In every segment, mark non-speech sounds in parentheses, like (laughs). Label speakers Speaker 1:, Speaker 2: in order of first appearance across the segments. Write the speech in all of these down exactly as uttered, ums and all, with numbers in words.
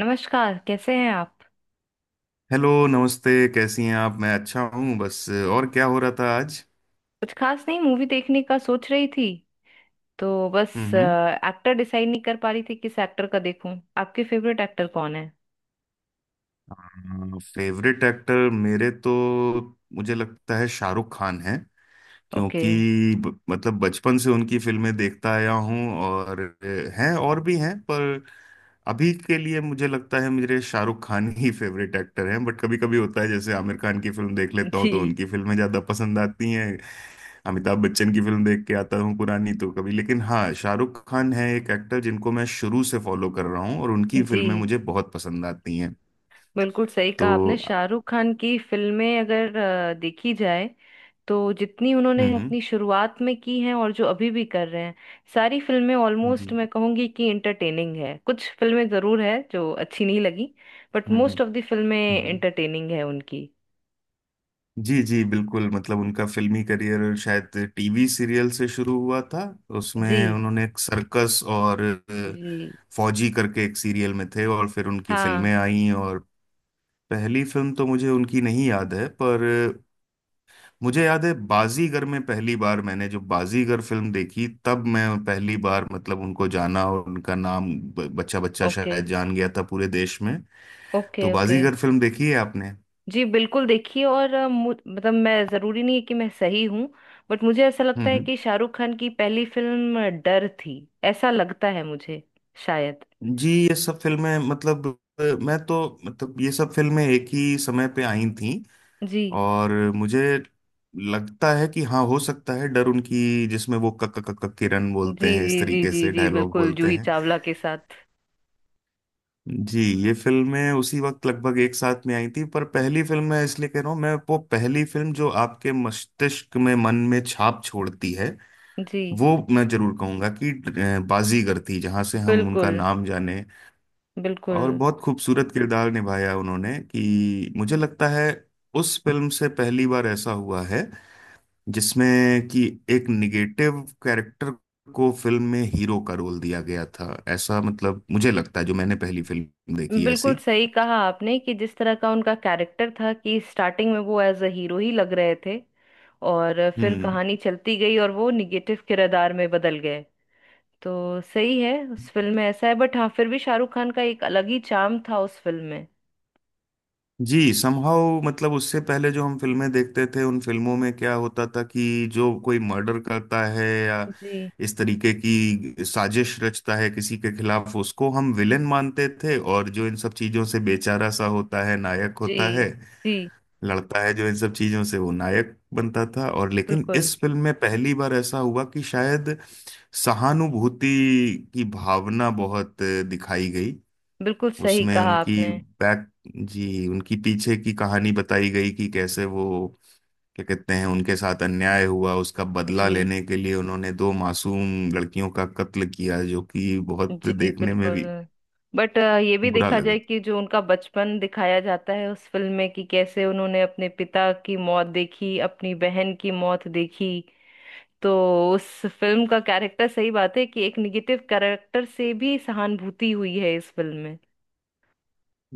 Speaker 1: नमस्कार, कैसे हैं आप।
Speaker 2: हेलो नमस्ते। कैसी हैं आप? मैं अच्छा हूँ। बस और क्या हो रहा था आज?
Speaker 1: कुछ खास नहीं, मूवी देखने का सोच रही थी, तो बस
Speaker 2: हम्म।
Speaker 1: एक्टर डिसाइड नहीं कर पा रही थी किस एक्टर का देखूं। आपके फेवरेट एक्टर कौन है।
Speaker 2: फेवरेट एक्टर मेरे तो, मुझे लगता है शाहरुख खान है,
Speaker 1: ओके।
Speaker 2: क्योंकि ब, मतलब बचपन से उनकी फिल्में देखता आया हूँ और अ, हैं और भी हैं, पर अभी के लिए मुझे लगता है मेरे शाहरुख खान ही फेवरेट एक्टर हैं। बट कभी कभी होता है जैसे आमिर खान की फिल्म देख
Speaker 1: (laughs)
Speaker 2: लेता हूँ तो
Speaker 1: जी।
Speaker 2: उनकी फिल्में ज्यादा पसंद आती हैं। अमिताभ बच्चन की फिल्म देख के आता हूँ पुरानी तो कभी, लेकिन हाँ, शाहरुख खान है एक एक्टर जिनको मैं शुरू से फॉलो कर रहा हूँ और उनकी
Speaker 1: जी,
Speaker 2: फिल्में मुझे बहुत पसंद आती हैं
Speaker 1: बिल्कुल सही कहा
Speaker 2: तो।
Speaker 1: आपने। शाहरुख खान की फिल्में अगर अ, देखी जाए तो जितनी
Speaker 2: हम्म
Speaker 1: उन्होंने
Speaker 2: हम्म।
Speaker 1: अपनी शुरुआत में की हैं और जो अभी भी कर रहे हैं, सारी फिल्में ऑलमोस्ट
Speaker 2: जी।
Speaker 1: मैं कहूंगी कि इंटरटेनिंग है। कुछ फिल्में जरूर है जो अच्छी नहीं लगी, but
Speaker 2: hmm
Speaker 1: most
Speaker 2: hmm.
Speaker 1: Of the फिल्में
Speaker 2: हम्म।
Speaker 1: इंटरटेनिंग है उनकी।
Speaker 2: जी जी बिल्कुल। मतलब उनका फिल्मी करियर शायद टीवी सीरियल से शुरू हुआ था। उसमें
Speaker 1: जी।
Speaker 2: उन्होंने एक सर्कस और
Speaker 1: जी।
Speaker 2: अ, फौजी करके एक सीरियल में थे, और फिर उनकी
Speaker 1: हाँ।
Speaker 2: फिल्में आई और पहली फिल्म तो मुझे उनकी नहीं याद है, पर मुझे याद है बाजीगर में, पहली बार मैंने जो बाजीगर फिल्म देखी तब मैं पहली बार मतलब उनको जाना, और उनका नाम ब- बच्चा बच्चा
Speaker 1: ओके।
Speaker 2: शायद जान गया था पूरे देश में। तो
Speaker 1: ओके। ओके।
Speaker 2: बाजीगर फिल्म देखी है आपने?
Speaker 1: जी, बिल्कुल, देखिए, और अ, मु- मतलब, मैं ज़रूरी नहीं है कि मैं सही हूँ, बट मुझे ऐसा
Speaker 2: हम्म
Speaker 1: लगता है
Speaker 2: हम्म।
Speaker 1: कि शाहरुख खान की पहली फिल्म डर थी। ऐसा लगता है मुझे, शायद।
Speaker 2: जी, ये सब फिल्में मतलब अ, मैं तो मतलब ये सब फिल्में एक ही समय पे आई थीं।
Speaker 1: जी
Speaker 2: और मुझे लगता है कि हाँ, हो सकता है डर उनकी, जिसमें वो कक कक कक किरण बोलते
Speaker 1: जी
Speaker 2: हैं, इस
Speaker 1: जी जी
Speaker 2: तरीके
Speaker 1: जी
Speaker 2: से
Speaker 1: जी,
Speaker 2: डायलॉग
Speaker 1: बिल्कुल,
Speaker 2: बोलते
Speaker 1: जूही
Speaker 2: हैं।
Speaker 1: चावला के साथ।
Speaker 2: जी, ये फिल्में उसी वक्त लगभग एक साथ में आई थी पर पहली फिल्म मैं इसलिए कह रहा हूँ, मैं वो पहली फिल्म जो आपके मस्तिष्क में मन में छाप छोड़ती है,
Speaker 1: जी।
Speaker 2: वो मैं जरूर कहूंगा कि अ, बाजीगर थी, जहां से हम उनका
Speaker 1: बिल्कुल।
Speaker 2: नाम जाने। और
Speaker 1: बिल्कुल।
Speaker 2: बहुत खूबसूरत किरदार निभाया उन्होंने कि मुझे लगता है उस फिल्म से पहली बार ऐसा हुआ है जिसमें कि एक निगेटिव कैरेक्टर को फिल्म में हीरो का रोल दिया गया था, ऐसा मतलब मुझे लगता है, जो मैंने पहली फिल्म देखी
Speaker 1: बिल्कुल
Speaker 2: ऐसी।
Speaker 1: सही कहा आपने कि जिस तरह का उनका कैरेक्टर था कि स्टार्टिंग में वो एज अ हीरो ही लग रहे थे, और फिर
Speaker 2: हम्म।
Speaker 1: कहानी चलती गई और वो निगेटिव किरदार में बदल गए। तो सही है, उस फिल्म में ऐसा है, बट हाँ, फिर भी शाहरुख खान का एक अलग ही चार्म था उस फिल्म में।
Speaker 2: जी, समहाउ मतलब उससे पहले जो हम फिल्में देखते थे, उन फिल्मों में क्या होता था कि जो कोई मर्डर करता है या
Speaker 1: जी
Speaker 2: इस तरीके की साजिश रचता है किसी के खिलाफ, उसको हम विलेन मानते थे, और जो इन सब चीजों से बेचारा सा होता है नायक
Speaker 1: जी
Speaker 2: होता है,
Speaker 1: जी।
Speaker 2: लड़ता है जो इन सब चीजों से वो नायक बनता था। और लेकिन
Speaker 1: बिल्कुल।
Speaker 2: इस फिल्म में पहली बार ऐसा हुआ कि शायद सहानुभूति की भावना बहुत दिखाई गई।
Speaker 1: बिल्कुल सही
Speaker 2: उसमें
Speaker 1: कहा
Speaker 2: उनकी
Speaker 1: आपने।
Speaker 2: बैक, जी, उनकी पीछे की कहानी बताई गई कि कैसे वो, क्या कहते हैं, उनके साथ अन्याय हुआ, उसका बदला
Speaker 1: जी।
Speaker 2: लेने के लिए उन्होंने दो मासूम लड़कियों का कत्ल किया जो कि बहुत
Speaker 1: जी,
Speaker 2: देखने में
Speaker 1: बिल्कुल।
Speaker 2: भी
Speaker 1: बट ये भी
Speaker 2: बुरा
Speaker 1: देखा
Speaker 2: लगा।
Speaker 1: जाए कि जो उनका बचपन दिखाया जाता है उस फिल्म में कि कैसे उन्होंने अपने पिता की मौत देखी, अपनी बहन की मौत देखी, तो उस फिल्म का कैरेक्टर सही बात है कि एक निगेटिव कैरेक्टर से भी सहानुभूति हुई है इस फिल्म में।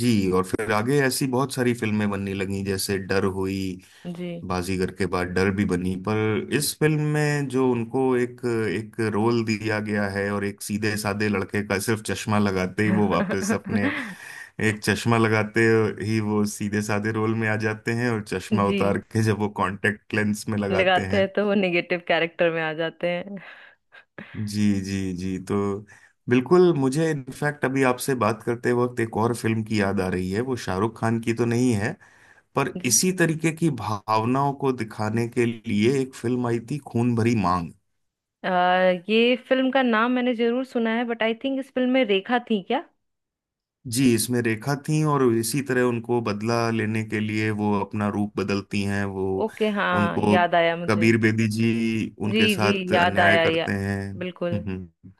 Speaker 2: जी। और फिर आगे ऐसी बहुत सारी फिल्में बनने लगी जैसे डर हुई।
Speaker 1: जी।
Speaker 2: बाजीगर के बाद डर भी बनी, पर इस फिल्म में जो उनको एक एक रोल दिया गया है, और एक सीधे साधे लड़के का सिर्फ चश्मा लगाते ही वो वापस अपने,
Speaker 1: (laughs)
Speaker 2: एक चश्मा लगाते ही वो सीधे साधे रोल में आ जाते हैं, और चश्मा
Speaker 1: जी।
Speaker 2: उतार के जब वो कांटेक्ट लेंस में लगाते
Speaker 1: लगाते हैं
Speaker 2: हैं।
Speaker 1: तो वो नेगेटिव कैरेक्टर में आ जाते हैं।
Speaker 2: जी जी जी। तो बिल्कुल, मुझे इनफैक्ट अभी आपसे बात करते वक्त एक और फिल्म की याद आ रही है, वो शाहरुख खान की तो नहीं है, पर
Speaker 1: जी।
Speaker 2: इसी तरीके की भावनाओं को दिखाने के लिए एक फिल्म आई थी, खून भरी मांग।
Speaker 1: आ, ये फिल्म का नाम मैंने जरूर सुना है, बट आई थिंक इस फिल्म में रेखा थी क्या।
Speaker 2: जी, इसमें रेखा थी, और इसी तरह उनको बदला लेने के लिए वो अपना रूप बदलती हैं, वो
Speaker 1: ओके, हाँ,
Speaker 2: उनको,
Speaker 1: याद आया मुझे।
Speaker 2: कबीर बेदी जी उनके
Speaker 1: जी जी,
Speaker 2: साथ
Speaker 1: याद
Speaker 2: अन्याय
Speaker 1: आया। या,
Speaker 2: करते हैं। हम्म
Speaker 1: बिल्कुल,
Speaker 2: हम्म।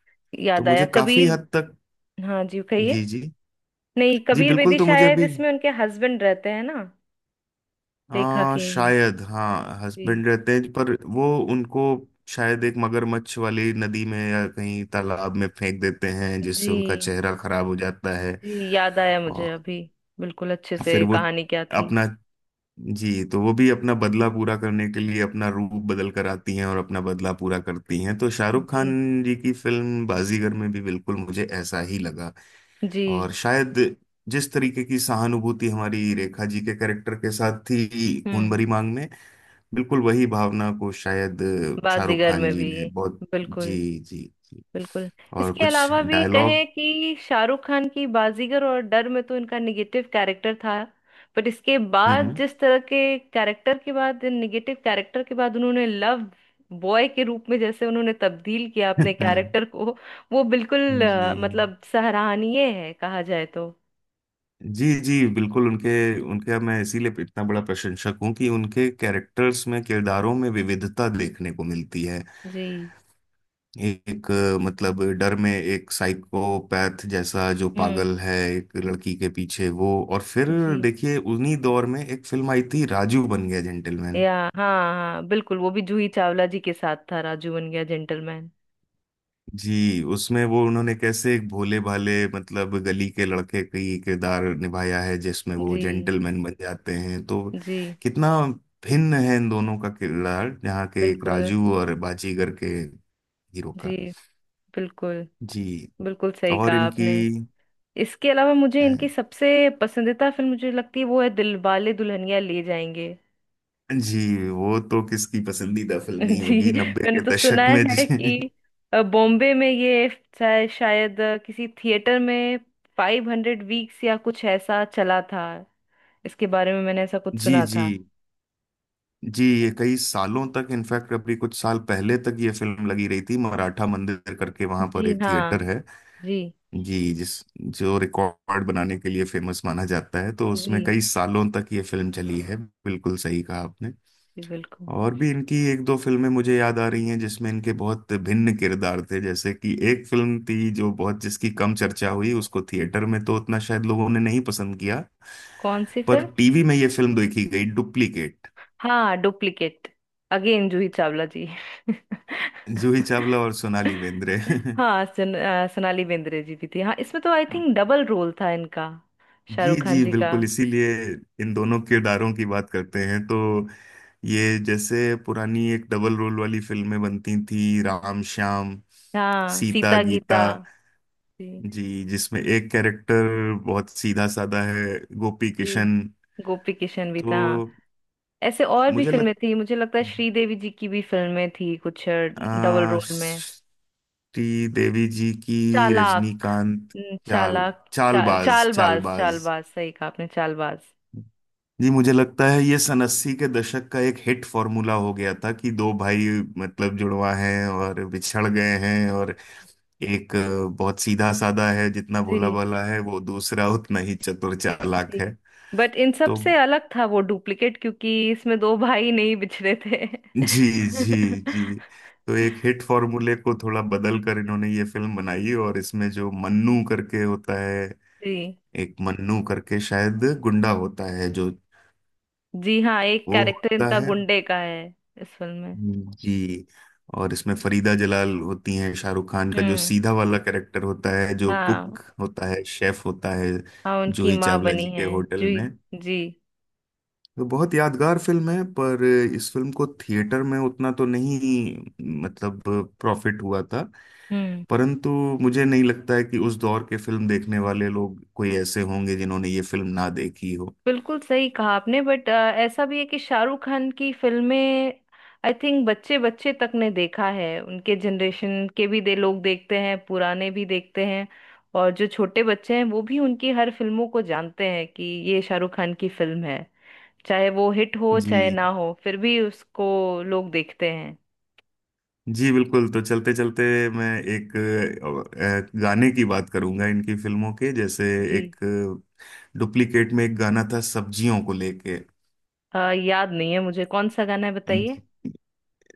Speaker 2: तो
Speaker 1: याद आया,
Speaker 2: मुझे काफी
Speaker 1: कबीर।
Speaker 2: हद तक।
Speaker 1: हाँ जी, कहिए।
Speaker 2: जी जी
Speaker 1: नहीं,
Speaker 2: जी
Speaker 1: कबीर
Speaker 2: बिल्कुल।
Speaker 1: बेदी
Speaker 2: तो मुझे
Speaker 1: शायद
Speaker 2: अभी
Speaker 1: इसमें उनके हस्बैंड रहते हैं ना, रेखा
Speaker 2: आ,
Speaker 1: के।
Speaker 2: शायद हाँ,
Speaker 1: जी।
Speaker 2: हस्बैंड रहते हैं, पर वो उनको शायद एक मगरमच्छ वाली नदी में या कहीं तालाब में फेंक देते हैं, जिससे उनका
Speaker 1: जी
Speaker 2: चेहरा खराब हो जाता है।
Speaker 1: जी, याद आया मुझे
Speaker 2: और
Speaker 1: अभी। बिल्कुल, अच्छे
Speaker 2: फिर
Speaker 1: से
Speaker 2: वो
Speaker 1: कहानी क्या थी।
Speaker 2: अपना, जी, तो वो भी अपना बदला पूरा करने के लिए अपना रूप बदल कर आती हैं और अपना बदला पूरा करती हैं। तो शाहरुख
Speaker 1: जी।
Speaker 2: खान जी की फिल्म बाजीगर में भी बिल्कुल मुझे ऐसा ही लगा।
Speaker 1: जी।
Speaker 2: और शायद जिस तरीके की सहानुभूति हमारी रेखा जी के कैरेक्टर के साथ थी खून
Speaker 1: हम्म।
Speaker 2: भरी मांग में, बिल्कुल वही भावना को शायद शाहरुख
Speaker 1: बाजीगर
Speaker 2: खान
Speaker 1: में
Speaker 2: जी
Speaker 1: भी,
Speaker 2: ने बहुत।
Speaker 1: बिल्कुल।
Speaker 2: जी जी जी।
Speaker 1: बिल्कुल।
Speaker 2: और
Speaker 1: इसके
Speaker 2: कुछ
Speaker 1: अलावा भी
Speaker 2: डायलॉग।
Speaker 1: कहें कि शाहरुख खान की बाजीगर और डर में तो इनका निगेटिव कैरेक्टर था, बट इसके बाद
Speaker 2: हम्म
Speaker 1: जिस तरह के कैरेक्टर के बाद, इन निगेटिव कैरेक्टर के बाद, उन्होंने लव बॉय के रूप में जैसे उन्होंने तब्दील किया अपने
Speaker 2: हम्म।
Speaker 1: कैरेक्टर को, वो बिल्कुल
Speaker 2: (laughs) जी
Speaker 1: अ, मतलब सराहनीय है कहा जाए तो।
Speaker 2: जी जी बिल्कुल। उनके उनके मैं इसीलिए इतना बड़ा प्रशंसक हूँ कि उनके कैरेक्टर्स में, किरदारों में विविधता देखने को मिलती है।
Speaker 1: जी।
Speaker 2: एक अ, मतलब डर में एक साइकोपैथ जैसा, जो
Speaker 1: हम्म।
Speaker 2: पागल है एक लड़की के पीछे, वो। और फिर
Speaker 1: जी।
Speaker 2: देखिए उन्हीं दौर में एक फिल्म आई थी, राजू बन गया जेंटलमैन।
Speaker 1: या, हाँ। हाँ, बिल्कुल, वो भी जूही चावला जी के साथ था, राजू बन गया जेंटलमैन।
Speaker 2: जी, उसमें वो उन्होंने कैसे एक भोले भाले मतलब गली के लड़के का ही किरदार निभाया है, जिसमें वो
Speaker 1: जी।
Speaker 2: जेंटलमैन बन जाते हैं। तो
Speaker 1: जी।
Speaker 2: कितना भिन्न है इन दोनों का किरदार, यहाँ के एक
Speaker 1: बिल्कुल।
Speaker 2: राजू और बाजीगर के हीरो का।
Speaker 1: जी। बिल्कुल।
Speaker 2: जी।
Speaker 1: बिल्कुल सही
Speaker 2: और
Speaker 1: कहा
Speaker 2: इनकी
Speaker 1: आपने। इसके अलावा मुझे
Speaker 2: अ,
Speaker 1: इनकी सबसे पसंदीदा फिल्म मुझे लगती है वो है दिलवाले दुल्हनिया ले जाएंगे।
Speaker 2: जी, वो तो किसकी पसंदीदा फिल्म नहीं
Speaker 1: (laughs) जी।
Speaker 2: होगी नब्बे
Speaker 1: मैंने
Speaker 2: के
Speaker 1: तो सुना
Speaker 2: दशक में,
Speaker 1: है कि
Speaker 2: जी।
Speaker 1: अ, बॉम्बे में ये शाय- शायद अ, किसी थिएटर में फाइव हंड्रेड वीक्स या कुछ ऐसा चला था। इसके बारे में मैंने ऐसा कुछ
Speaker 2: जी
Speaker 1: सुना
Speaker 2: जी।
Speaker 1: था।
Speaker 2: जी, ये कई सालों तक, इनफैक्ट अभी कुछ साल पहले तक ये फिल्म लगी रही थी, मराठा मंदिर करके वहां पर
Speaker 1: जी
Speaker 2: एक
Speaker 1: हाँ।
Speaker 2: थिएटर है
Speaker 1: जी।
Speaker 2: जी, जिस जो रिकॉर्ड बनाने के लिए फेमस माना जाता है, तो
Speaker 1: जी।
Speaker 2: उसमें कई सालों तक ये फिल्म चली है। बिल्कुल सही कहा आपने।
Speaker 1: जी, बिल्कुल।
Speaker 2: और भी इनकी एक दो फिल्में मुझे याद आ रही हैं जिसमें इनके बहुत भिन्न किरदार थे, जैसे कि एक फिल्म थी, जो बहुत, जिसकी कम चर्चा हुई, उसको थिएटर में तो उतना शायद लोगों ने नहीं पसंद किया,
Speaker 1: कौन सी
Speaker 2: पर
Speaker 1: फिल्म।
Speaker 2: टीवी में ये फिल्म देखी गई, डुप्लीकेट,
Speaker 1: हाँ, डुप्लीकेट, अगेन जूही चावला जी।
Speaker 2: जूही चावला और सोनाली बेंद्रे।
Speaker 1: हाँ, सन, अ, सोनाली बेंद्रे जी भी थी, हाँ, इसमें तो आई थिंक
Speaker 2: (laughs)
Speaker 1: डबल रोल था इनका,
Speaker 2: जी
Speaker 1: शाहरुख खान
Speaker 2: जी
Speaker 1: जी का।
Speaker 2: बिल्कुल, इसीलिए इन दोनों किरदारों की बात करते हैं तो ये, जैसे पुरानी एक डबल रोल वाली फिल्में बनती थी राम श्याम,
Speaker 1: हाँ,
Speaker 2: सीता
Speaker 1: सीता
Speaker 2: गीता,
Speaker 1: गीता। जी
Speaker 2: जी, जिसमें एक कैरेक्टर बहुत सीधा साधा है, गोपी
Speaker 1: जी,
Speaker 2: किशन।
Speaker 1: गोपी किशन भी
Speaker 2: तो
Speaker 1: था, हाँ। ऐसे और भी
Speaker 2: मुझे
Speaker 1: फिल्में
Speaker 2: लग
Speaker 1: थी, मुझे लगता है श्रीदेवी जी की भी फिल्में थी कुछ डबल
Speaker 2: आ,
Speaker 1: रोल में।
Speaker 2: श्री देवी जी की,
Speaker 1: चालाक।
Speaker 2: रजनीकांत,
Speaker 1: हम्म,
Speaker 2: चाल
Speaker 1: चालाक, चाल
Speaker 2: चालबाज
Speaker 1: चालबाज,
Speaker 2: चालबाज।
Speaker 1: चालबाज, सही कहा आपने, चालबाज।
Speaker 2: जी, मुझे लगता है ये सन अस्सी के दशक का एक हिट फॉर्मूला हो गया था कि दो भाई मतलब जुड़वा हैं और बिछड़ गए हैं, और एक अ, बहुत सीधा साधा है, जितना भोला
Speaker 1: जी।
Speaker 2: भाला है वो, दूसरा उतना ही चतुर चालाक
Speaker 1: जी।
Speaker 2: है
Speaker 1: बट इन सब
Speaker 2: तो।
Speaker 1: से अलग था वो डुप्लीकेट, क्योंकि इसमें दो भाई नहीं बिछड़े थे।
Speaker 2: जी जी
Speaker 1: (laughs)
Speaker 2: जी। तो एक हिट फॉर्मूले को थोड़ा बदल कर इन्होंने ये फिल्म बनाई, और इसमें जो मन्नू करके होता है,
Speaker 1: जी।
Speaker 2: एक मन्नू करके शायद गुंडा होता है जो,
Speaker 1: जी, हाँ, एक
Speaker 2: वो
Speaker 1: कैरेक्टर
Speaker 2: होता
Speaker 1: इनका
Speaker 2: है।
Speaker 1: गुंडे का है इस फिल्म में।
Speaker 2: जी, और इसमें फरीदा जलाल होती हैं, शाहरुख खान का जो
Speaker 1: हम्म।
Speaker 2: सीधा वाला कैरेक्टर होता है, जो
Speaker 1: हाँ।
Speaker 2: कुक होता है, शेफ होता है,
Speaker 1: हाँ, उनकी
Speaker 2: जूही
Speaker 1: माँ
Speaker 2: चावला जी
Speaker 1: बनी
Speaker 2: के
Speaker 1: है।
Speaker 2: होटल
Speaker 1: जी।
Speaker 2: में।
Speaker 1: जी।
Speaker 2: तो बहुत यादगार फिल्म है, पर इस फिल्म को थिएटर में उतना तो नहीं, मतलब प्रॉफिट हुआ था,
Speaker 1: हम्म।
Speaker 2: परंतु मुझे नहीं लगता है कि उस दौर के फिल्म देखने वाले लोग कोई ऐसे होंगे जिन्होंने ये फिल्म ना देखी हो।
Speaker 1: बिल्कुल सही कहा आपने, बट ऐसा भी है कि शाहरुख खान की फिल्में आई थिंक बच्चे बच्चे तक ने देखा है, उनके जनरेशन के भी दे लोग देखते हैं, पुराने भी देखते हैं, और जो छोटे बच्चे हैं वो भी उनकी हर फिल्मों को जानते हैं कि ये शाहरुख खान की फिल्म है। चाहे वो हिट हो चाहे
Speaker 2: जी
Speaker 1: ना हो, फिर भी उसको लोग देखते हैं।
Speaker 2: जी बिल्कुल। तो चलते चलते मैं एक अ, अ, गाने की बात करूंगा इनकी फिल्मों के, जैसे
Speaker 1: जी।
Speaker 2: एक डुप्लीकेट में एक गाना था सब्जियों को लेके।
Speaker 1: अ, याद नहीं है मुझे, कौन सा गाना है बताइए।
Speaker 2: जी।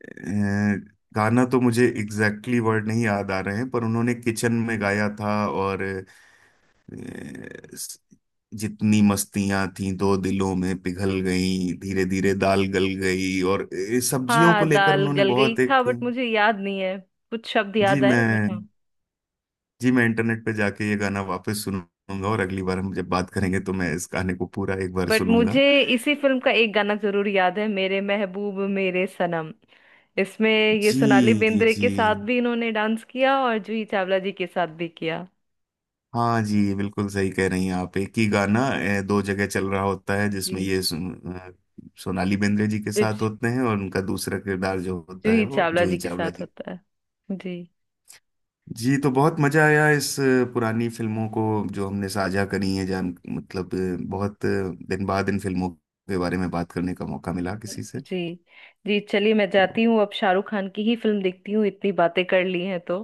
Speaker 2: अ, गाना तो मुझे एग्जैक्टली exactly वर्ड नहीं याद आ रहे हैं, पर उन्होंने किचन में गाया था, और अ, स- जितनी मस्तियां थी दो दिलों में, पिघल गई धीरे धीरे, दाल गल गई, और अ, सब्जियों को
Speaker 1: हाँ,
Speaker 2: लेकर
Speaker 1: दाल
Speaker 2: उन्होंने
Speaker 1: गल गई
Speaker 2: बहुत
Speaker 1: था,
Speaker 2: एक।
Speaker 1: बट मुझे याद नहीं है, कुछ शब्द
Speaker 2: जी,
Speaker 1: याद आए,
Speaker 2: मैं,
Speaker 1: बट हाँ।
Speaker 2: जी मैं इंटरनेट पे जाके ये गाना वापस सुनूंगा, और अगली बार हम जब बात करेंगे तो मैं इस गाने को पूरा एक बार
Speaker 1: बट
Speaker 2: सुनूंगा।
Speaker 1: मुझे इसी फिल्म का एक गाना जरूर याद है, मेरे महबूब मेरे सनम। इसमें ये
Speaker 2: जी
Speaker 1: सोनाली बेंद्रे
Speaker 2: जी।
Speaker 1: के साथ भी इन्होंने डांस किया और जूही चावला जी के साथ भी किया।
Speaker 2: हाँ जी, बिल्कुल सही कह रही हैं आप, एक ही गाना ए, दो जगह चल रहा होता है, जिसमें
Speaker 1: जी।
Speaker 2: ये सुन, अ, सोनाली बेंद्रे जी के साथ
Speaker 1: जूही,
Speaker 2: होते हैं, और उनका दूसरा किरदार जो होता है
Speaker 1: जूही
Speaker 2: वो
Speaker 1: चावला
Speaker 2: जूही
Speaker 1: जी के
Speaker 2: चावला
Speaker 1: साथ
Speaker 2: जी।
Speaker 1: होता है। जी
Speaker 2: जी, तो बहुत मजा आया इस अ, पुरानी फिल्मों को जो हमने साझा करी है, जान मतलब अ, बहुत अ, दिन बाद इन फिल्मों के बारे में बात करने का मौका मिला किसी से।
Speaker 1: जी जी, चलिए मैं
Speaker 2: तो
Speaker 1: जाती हूँ, अब शाहरुख खान की ही फिल्म देखती हूँ, इतनी बातें कर ली हैं तो।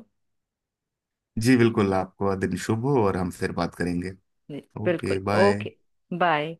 Speaker 2: जी बिल्कुल, आपका दिन शुभ हो, और हम फिर बात करेंगे।
Speaker 1: जी,
Speaker 2: ओके,
Speaker 1: बिल्कुल।
Speaker 2: बाय।
Speaker 1: Okay, bye.